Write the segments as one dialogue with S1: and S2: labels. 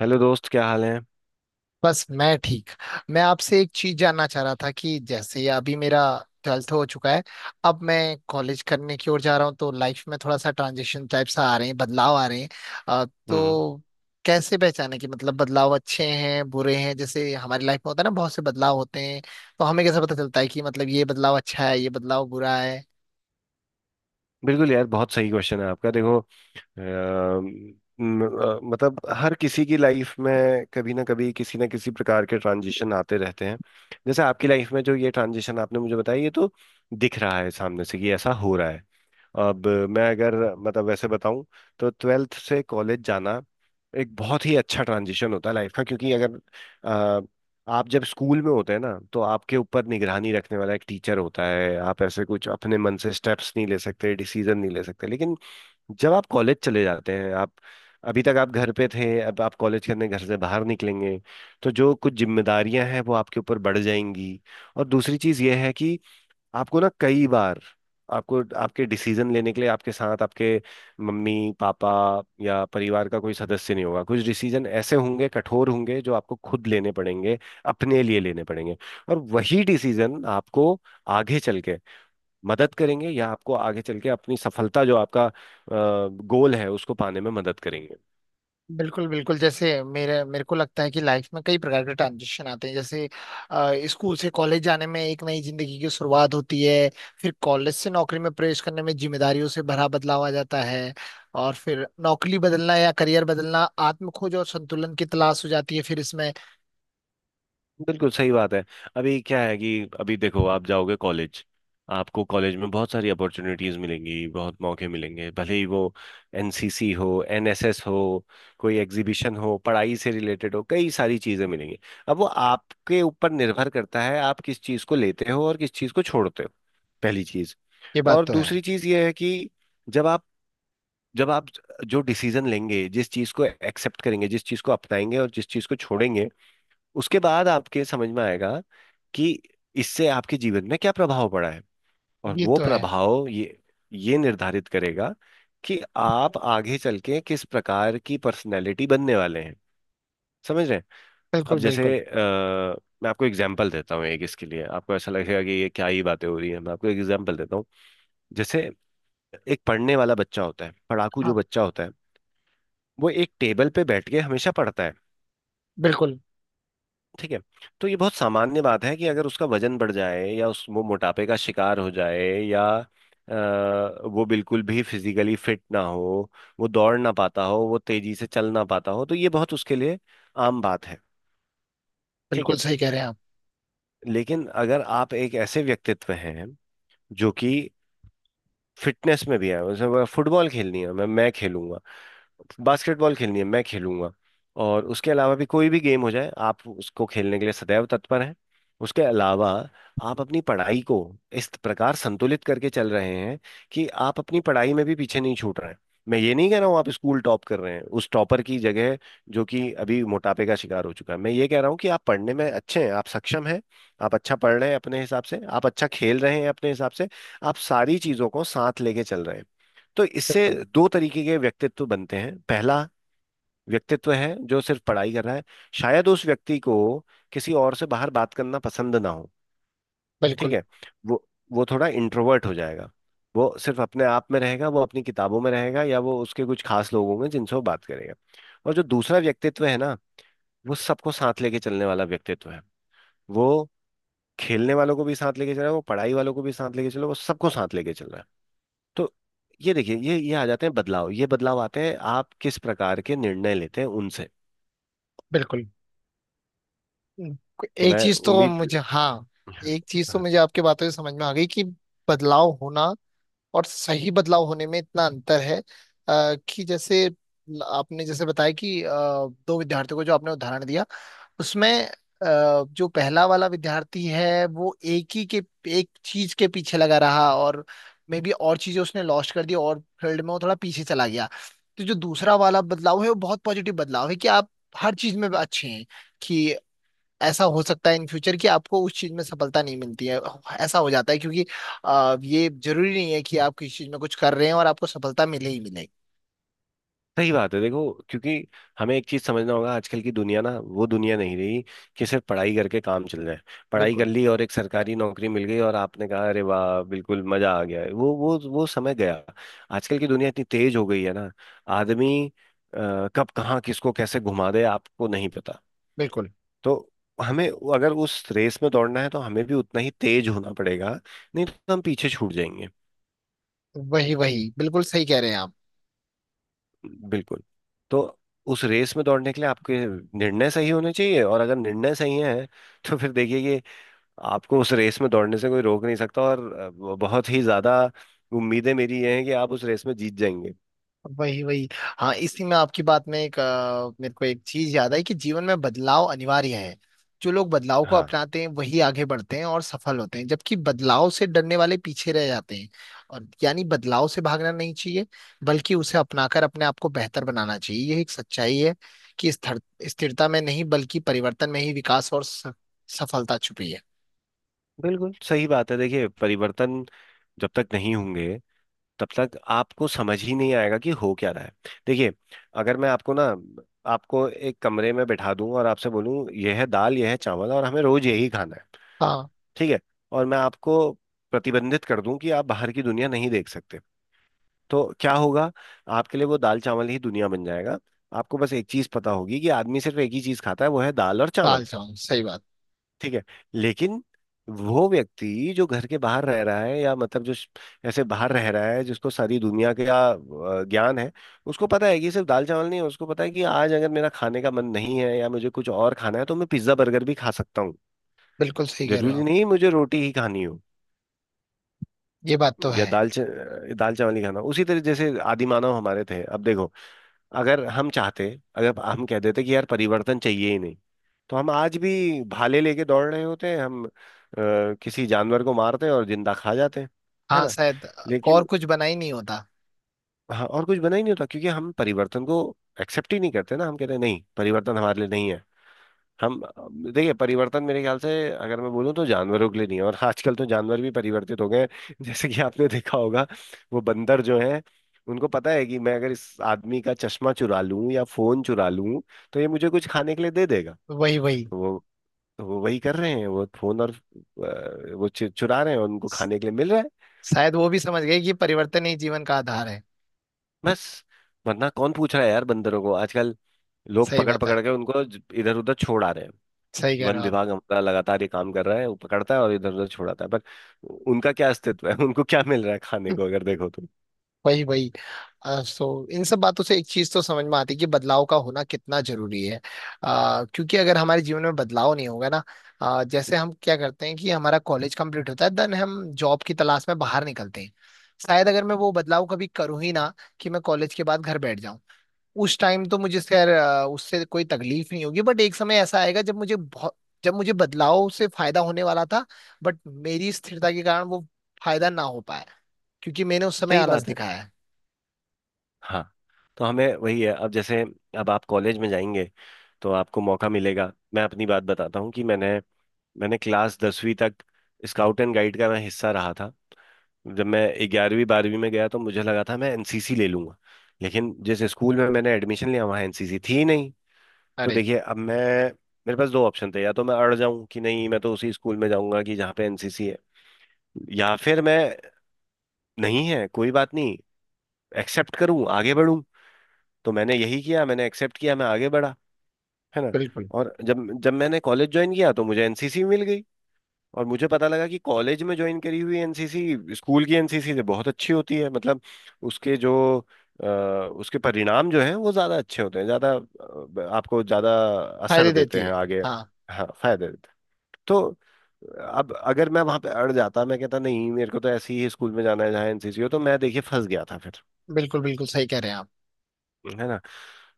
S1: Hello दोस्त, क्या हाल है?
S2: बस मैं ठीक। मैं आपसे एक चीज जानना चाह रहा था कि जैसे अभी मेरा ट्वेल्थ हो चुका है। अब मैं कॉलेज करने की ओर जा रहा हूँ, तो लाइफ में थोड़ा सा ट्रांजिशन टाइप सा आ रहे हैं, बदलाव आ रहे हैं। अ,
S1: हम्म।
S2: तो कैसे पहचाने कि मतलब बदलाव अच्छे हैं, बुरे हैं? जैसे हमारी लाइफ में होता है ना, बहुत से बदलाव होते हैं, तो हमें कैसे पता चलता है कि मतलब ये बदलाव अच्छा है, ये बदलाव बुरा है?
S1: बिल्कुल यार, बहुत सही क्वेश्चन है आपका। देखो, अम, मतलब हर किसी की लाइफ में कभी ना कभी किसी ना किसी प्रकार के ट्रांजिशन आते रहते हैं। जैसे आपकी लाइफ में जो ये ट्रांजिशन आपने मुझे बताया ये तो दिख रहा है सामने से कि ऐसा हो रहा है। अब मैं अगर मतलब वैसे बताऊं तो ट्वेल्थ से कॉलेज जाना एक बहुत ही अच्छा ट्रांजिशन होता है लाइफ का, क्योंकि अगर आ, आप जब स्कूल में होते हैं ना तो आपके ऊपर निगरानी रखने वाला एक टीचर होता है, आप ऐसे कुछ अपने मन से स्टेप्स नहीं ले सकते, डिसीजन नहीं ले सकते। लेकिन जब आप कॉलेज चले जाते हैं, आप अभी तक आप घर पे थे, अब आप कॉलेज करने घर से बाहर निकलेंगे, तो जो कुछ जिम्मेदारियां हैं वो आपके ऊपर बढ़ जाएंगी। और दूसरी चीज़ यह है कि आपको ना कई बार आपको आपके डिसीजन लेने के लिए आपके साथ आपके मम्मी, पापा या परिवार का कोई सदस्य नहीं होगा। कुछ डिसीजन ऐसे होंगे, कठोर होंगे, जो आपको खुद लेने पड़ेंगे, अपने लिए लेने पड़ेंगे। और वही डिसीजन आपको आगे चल के मदद करेंगे, या आपको आगे चल के अपनी सफलता, जो आपका गोल है, उसको पाने में मदद करेंगे।
S2: बिल्कुल, बिल्कुल। जैसे मेरे मेरे को लगता है कि लाइफ में कई प्रकार के ट्रांजिशन आते हैं। जैसे, स्कूल से कॉलेज जाने में एक नई जिंदगी की शुरुआत होती है। फिर कॉलेज से नौकरी में प्रवेश करने में जिम्मेदारियों से भरा बदलाव आ जाता है, और फिर नौकरी बदलना या करियर बदलना आत्म खोज और संतुलन की तलाश हो जाती है। फिर इसमें
S1: बिल्कुल सही बात है। अभी क्या है कि अभी देखो आप जाओगे कॉलेज, आपको कॉलेज में बहुत सारी अपॉर्चुनिटीज मिलेंगी, बहुत मौके मिलेंगे, भले ही वो एनसीसी हो, एनएसएस हो, कोई एग्जीबिशन हो, पढ़ाई से रिलेटेड हो, कई सारी चीजें मिलेंगी। अब वो आपके ऊपर निर्भर करता है आप किस चीज को लेते हो और किस चीज को छोड़ते हो, पहली चीज।
S2: ये बात
S1: और
S2: तो है।
S1: दूसरी चीज ये है कि जब आप जब आप जो डिसीजन लेंगे, जिस चीज को एक्सेप्ट करेंगे, जिस चीज को अपनाएंगे और जिस चीज को छोड़ेंगे, उसके बाद आपके समझ में आएगा कि इससे आपके जीवन में क्या प्रभाव पड़ा है। और
S2: ये
S1: वो
S2: तो है।
S1: प्रभाव ये निर्धारित करेगा कि आप आगे चल के किस प्रकार की पर्सनैलिटी बनने वाले हैं, समझ रहे हैं?
S2: बिल्कुल,
S1: अब
S2: बिल्कुल।
S1: जैसे मैं आपको एग्जाम्पल देता हूँ एक, इसके लिए आपको ऐसा लगेगा कि ये क्या ही बातें हो रही है। मैं आपको एग्जाम्पल देता हूँ। जैसे एक पढ़ने वाला बच्चा होता है, पढ़ाकू जो
S2: हाँ,
S1: बच्चा होता है वो एक टेबल पे बैठ के हमेशा पढ़ता है।
S2: बिल्कुल
S1: ठीक है। तो ये बहुत सामान्य बात है कि अगर उसका वजन बढ़ जाए या उस वो मोटापे का शिकार हो जाए या अ, वो बिल्कुल भी फिजिकली फिट ना हो, वो दौड़ ना पाता हो, वो तेजी से चल ना पाता हो, तो ये बहुत उसके लिए आम बात है। ठीक है।
S2: बिल्कुल सही कह रहे हैं आप।
S1: लेकिन अगर आप एक ऐसे व्यक्तित्व हैं जो कि फिटनेस में भी है, जैसे फुटबॉल खेलनी है मैं खेलूंगा, बास्केटबॉल खेलनी है मैं खेलूंगा, और उसके अलावा भी कोई भी गेम हो जाए आप उसको खेलने के लिए सदैव तत्पर हैं। उसके अलावा आप अपनी पढ़ाई को इस प्रकार संतुलित करके चल रहे हैं कि आप अपनी पढ़ाई में भी पीछे नहीं छूट रहे हैं। मैं ये नहीं कह रहा हूँ आप स्कूल टॉप कर रहे हैं उस टॉपर की जगह जो कि अभी मोटापे का शिकार हो चुका है, मैं ये कह रहा हूँ कि आप पढ़ने में अच्छे हैं, आप सक्षम हैं, आप अच्छा पढ़ रहे हैं अपने हिसाब से, आप अच्छा खेल रहे हैं अपने हिसाब से, आप सारी चीज़ों को साथ लेके चल रहे हैं। तो इससे दो तरीके के व्यक्तित्व बनते हैं। पहला व्यक्तित्व है जो सिर्फ पढ़ाई कर रहा है, शायद उस व्यक्ति को किसी और से बाहर बात करना पसंद ना हो। ठीक
S2: बिल्कुल,
S1: है। वो वो थोड़ा इंट्रोवर्ट हो जाएगा, वो सिर्फ अपने आप में रहेगा, वो अपनी किताबों में रहेगा, या वो उसके कुछ खास लोग होंगे जिनसे वो बात करेगा। और जो दूसरा व्यक्तित्व है ना, वो सबको साथ लेके चलने वाला व्यक्तित्व है, वो खेलने वालों को भी साथ लेके चल रहा है, वो पढ़ाई वालों को भी साथ लेके चल रहा है, वो सबको साथ लेके चल रहा है। तो ये देखिए ये आ जाते हैं बदलाव। ये बदलाव आते हैं आप किस प्रकार के निर्णय लेते हैं उनसे।
S2: बिल्कुल।
S1: तो
S2: एक
S1: मैं
S2: चीज तो
S1: उम्मीद।
S2: मुझे, हाँ,
S1: हाँ,
S2: एक चीज तो
S1: हाँ,
S2: मुझे आपकी बातों से समझ में आ गई कि बदलाव होना और सही बदलाव होने में इतना अंतर है। कि जैसे आपने जैसे बताया कि, दो विद्यार्थियों को जो आपने उदाहरण दिया, उसमें जो पहला वाला विद्यार्थी है, वो एक चीज के पीछे लगा रहा, और मे बी और चीजें उसने लॉस्ट कर दी और फील्ड में वो थोड़ा पीछे चला गया। तो जो दूसरा वाला बदलाव है, वो बहुत पॉजिटिव बदलाव है कि आप हर चीज में अच्छे हैं। कि ऐसा हो सकता है इन फ्यूचर कि आपको उस चीज में सफलता नहीं मिलती है। ऐसा हो जाता है, क्योंकि ये जरूरी नहीं है कि आप किसी चीज में कुछ कर रहे हैं और आपको सफलता मिले ही मिले।
S1: सही बात है। देखो, क्योंकि हमें एक चीज समझना होगा, आजकल की दुनिया ना वो दुनिया नहीं रही कि सिर्फ पढ़ाई करके काम चल जाए। पढ़ाई कर
S2: बिल्कुल,
S1: ली और एक सरकारी नौकरी मिल गई और आपने कहा अरे वाह बिल्कुल मजा आ गया, वो समय गया। आजकल की दुनिया इतनी तेज हो गई है ना, आदमी कब कहाँ किसको कैसे घुमा दे आपको नहीं पता।
S2: बिल्कुल।
S1: तो हमें अगर उस रेस में दौड़ना है तो हमें भी उतना ही तेज होना पड़ेगा, नहीं तो हम पीछे छूट जाएंगे।
S2: वही, वही, बिल्कुल सही कह रहे हैं आप।
S1: बिल्कुल। तो उस रेस में दौड़ने के लिए आपके निर्णय सही होने चाहिए, और अगर निर्णय सही है तो फिर देखिए कि आपको उस रेस में दौड़ने से कोई रोक नहीं सकता। और बहुत ही ज्यादा उम्मीदें मेरी ये हैं कि आप उस रेस में जीत जाएंगे।
S2: वही, वही। हाँ, इसी में आपकी बात में मेरे को एक चीज याद आई कि जीवन में बदलाव अनिवार्य है। जो लोग बदलाव को
S1: हाँ।
S2: अपनाते हैं वही आगे बढ़ते हैं और सफल होते हैं, जबकि बदलाव से डरने वाले पीछे रह जाते हैं। और यानी बदलाव से भागना नहीं चाहिए, बल्कि उसे अपनाकर अपने आप को बेहतर बनाना चाहिए। यह एक सच्चाई है कि स्थिरता में नहीं, बल्कि परिवर्तन में ही विकास और सफलता छुपी है।
S1: बिल्कुल सही बात है। देखिए, परिवर्तन जब तक नहीं होंगे तब तक आपको समझ ही नहीं आएगा कि हो क्या रहा है। देखिए, अगर मैं आपको ना आपको एक कमरे में बिठा दूं और आपसे बोलूं यह है दाल यह है चावल और हमें रोज यही खाना है।
S2: हाँ,
S1: ठीक है। और मैं आपको प्रतिबंधित कर दूं कि आप बाहर की दुनिया नहीं देख सकते तो क्या होगा? आपके लिए वो दाल चावल ही दुनिया बन जाएगा। आपको बस एक चीज पता होगी कि आदमी सिर्फ एक ही चीज खाता है, वो है दाल और
S2: ताल
S1: चावल।
S2: जाऊं, सही बात।
S1: ठीक है। लेकिन वो व्यक्ति जो घर के बाहर रह रहा है, या मतलब जो ऐसे बाहर रह रहा है, जिसको सारी दुनिया का ज्ञान है, उसको पता है कि सिर्फ दाल चावल नहीं है। उसको पता है कि आज अगर मेरा खाने का मन नहीं है या मुझे कुछ और खाना है तो मैं पिज्जा बर्गर भी खा सकता हूँ।
S2: बिल्कुल सही कह रहे हो
S1: जरूरी
S2: आप।
S1: नहीं मुझे रोटी ही खानी हो
S2: ये बात तो
S1: या
S2: है।
S1: दाल चावल ही खाना हो। उसी तरह जैसे आदि मानव हमारे थे, अब देखो अगर हम चाहते, अगर हम कह देते कि यार परिवर्तन चाहिए ही नहीं, तो हम आज भी भाले लेके दौड़ रहे होते हैं। हम किसी जानवर को मारते हैं और जिंदा खा जाते हैं, है
S2: हाँ,
S1: ना।
S2: शायद और
S1: लेकिन
S2: कुछ बना ही नहीं होता।
S1: हाँ, और कुछ बना ही नहीं होता, क्योंकि हम परिवर्तन को एक्सेप्ट ही नहीं करते ना, हम कहते हैं नहीं परिवर्तन हमारे लिए नहीं है। हम देखिए, परिवर्तन मेरे ख्याल से अगर मैं बोलूँ तो जानवरों के लिए नहीं है, और आजकल तो जानवर भी परिवर्तित हो गए हैं जैसे कि आपने देखा होगा, वो बंदर जो हैं उनको पता है कि मैं अगर इस आदमी का चश्मा चुरा लूं या फोन चुरा लूं तो ये मुझे कुछ खाने के लिए दे देगा।
S2: वही, वही।
S1: तो वो तो वो वही कर रहे हैं, वो फोन, और वो चुरा रहे हैं और उनको
S2: स-
S1: खाने के लिए मिल रहा है।
S2: शायद वो भी समझ गए कि परिवर्तन ही जीवन का आधार है।
S1: बस, वरना कौन पूछ रहा है यार बंदरों को आजकल, लोग
S2: सही
S1: पकड़
S2: बात है।
S1: पकड़ के उनको इधर उधर छोड़ आ रहे हैं।
S2: सही कह रहे
S1: वन
S2: हो आप।
S1: विभाग हमारा लगातार ये काम कर रहा है, वो पकड़ता है और इधर उधर छोड़ाता है, पर उनका क्या अस्तित्व है उनको क्या मिल रहा है खाने
S2: हम्म,
S1: को अगर देखो तो।
S2: वही, वही। सो इन सब बातों से एक चीज तो समझ में आती है कि बदलाव का होना कितना जरूरी है। क्योंकि अगर हमारे जीवन में बदलाव नहीं होगा ना, जैसे हम क्या करते हैं कि हमारा कॉलेज कंप्लीट होता है, देन हम जॉब की तलाश में बाहर निकलते हैं। शायद अगर मैं वो बदलाव कभी करूँ ही ना, कि मैं कॉलेज के बाद घर बैठ जाऊं, उस टाइम तो मुझे खैर उससे कोई तकलीफ नहीं होगी, बट एक समय ऐसा आएगा जब मुझे बदलाव से फायदा होने वाला था, बट मेरी स्थिरता के कारण वो फायदा ना हो पाया, क्योंकि मैंने उस समय
S1: सही
S2: आलस
S1: बात है।
S2: दिखाया है।
S1: हाँ। तो हमें वही है, अब जैसे अब आप कॉलेज में जाएंगे तो आपको मौका मिलेगा। मैं अपनी बात बताता हूँ कि मैंने मैंने क्लास 10वीं तक स्काउट एंड गाइड का मैं हिस्सा रहा था। जब मैं 11वीं 12वीं में गया तो मुझे लगा था मैं एनसीसी ले लूंगा। लेकिन जिस स्कूल में मैंने एडमिशन लिया वहाँ एनसीसी थी ही नहीं। तो
S2: अरे।
S1: देखिए, अब मैं, मेरे पास दो ऑप्शन थे, या तो मैं अड़ जाऊं कि नहीं मैं तो उसी स्कूल में जाऊंगा कि जहाँ पे एनसीसी है, या फिर मैं नहीं है कोई बात नहीं एक्सेप्ट करूं आगे बढ़ूं। तो मैंने यही किया, मैंने एक्सेप्ट किया, मैं आगे बढ़ा, है ना।
S2: बिल्कुल।
S1: और जब जब मैंने कॉलेज ज्वाइन किया तो मुझे एनसीसी मिल गई। और मुझे पता लगा कि कॉलेज में ज्वाइन करी हुई एनसीसी स्कूल की एनसीसी से बहुत अच्छी होती है, मतलब उसके जो उसके परिणाम जो है वो ज्यादा अच्छे होते हैं, ज्यादा, आपको ज्यादा असर
S2: फायदे
S1: देते
S2: देती
S1: हैं
S2: है।
S1: आगे।
S2: हाँ।
S1: हाँ, फायदे देते हैं। तो अब अगर मैं वहां पे अड़ जाता, मैं कहता नहीं मेरे को तो ऐसे ही स्कूल में जाना है जहाँ एनसीसी हो, तो मैं देखिए फंस गया था फिर,
S2: बिल्कुल, बिल्कुल सही कह रहे हैं आप।
S1: है ना।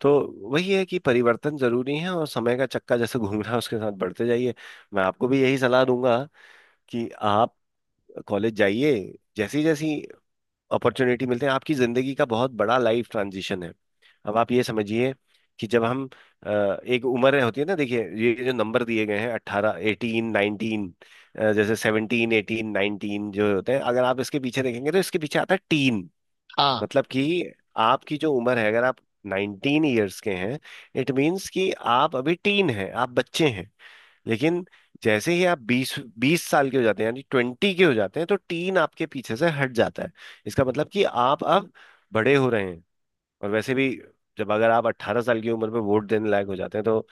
S1: तो वही है कि परिवर्तन जरूरी है, और समय का चक्का जैसे घूम रहा है उसके साथ बढ़ते जाइए। मैं आपको भी यही सलाह दूंगा कि आप कॉलेज जाइए, जैसी जैसी अपॉर्चुनिटी मिलते हैं, आपकी जिंदगी का बहुत बड़ा लाइफ ट्रांजिशन है। अब आप ये समझिए कि जब हम, अ, एक उम्र होती है ना, देखिए ये जो नंबर दिए गए हैं 18 18 19, जैसे 17 18 19 जो होते हैं, अगर आप इसके पीछे देखेंगे तो इसके पीछे आता है टीन।
S2: हाँ,
S1: मतलब कि आपकी जो उम्र है, अगर आप 19 ईयर्स के हैं, इट मीन्स कि आप अभी टीन हैं, आप बच्चे हैं। लेकिन जैसे ही आप 20 20 साल के हो जाते हैं, यानी 20 के हो जाते हैं, तो टीन आपके पीछे से हट जाता है। इसका मतलब कि आप अब बड़े हो रहे हैं। और वैसे भी, जब अगर आप 18 साल की उम्र में वोट देने लायक हो जाते हैं, तो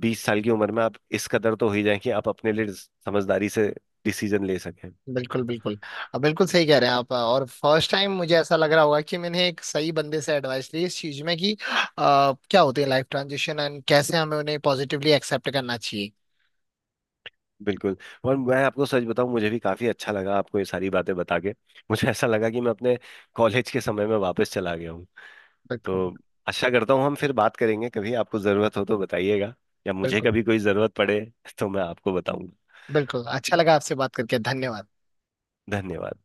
S1: 20 साल की उम्र में आप इस कदर तो हो ही जाए कि आप अपने लिए समझदारी से डिसीजन ले सकें।
S2: बिल्कुल, बिल्कुल। अब बिल्कुल सही कह रहे हैं आप, और फर्स्ट टाइम मुझे ऐसा लग रहा होगा कि मैंने एक सही बंदे से एडवाइस ली इस चीज में कि, क्या होती है लाइफ ट्रांजिशन, एंड कैसे हमें उन्हें पॉजिटिवली एक्सेप्ट करना चाहिए।
S1: बिल्कुल। और मैं आपको सच बताऊं, मुझे भी काफी अच्छा लगा आपको ये सारी बातें बता के, मुझे ऐसा लगा कि मैं अपने कॉलेज के समय में वापस चला गया।
S2: बिल्कुल।
S1: तो आशा करता हूँ हम फिर बात करेंगे, कभी आपको ज़रूरत हो तो बताइएगा, या मुझे
S2: बिल्कुल
S1: कभी कोई ज़रूरत पड़े तो मैं आपको बताऊंगा।
S2: बिल्कुल अच्छा लगा आपसे बात करके, धन्यवाद।
S1: धन्यवाद।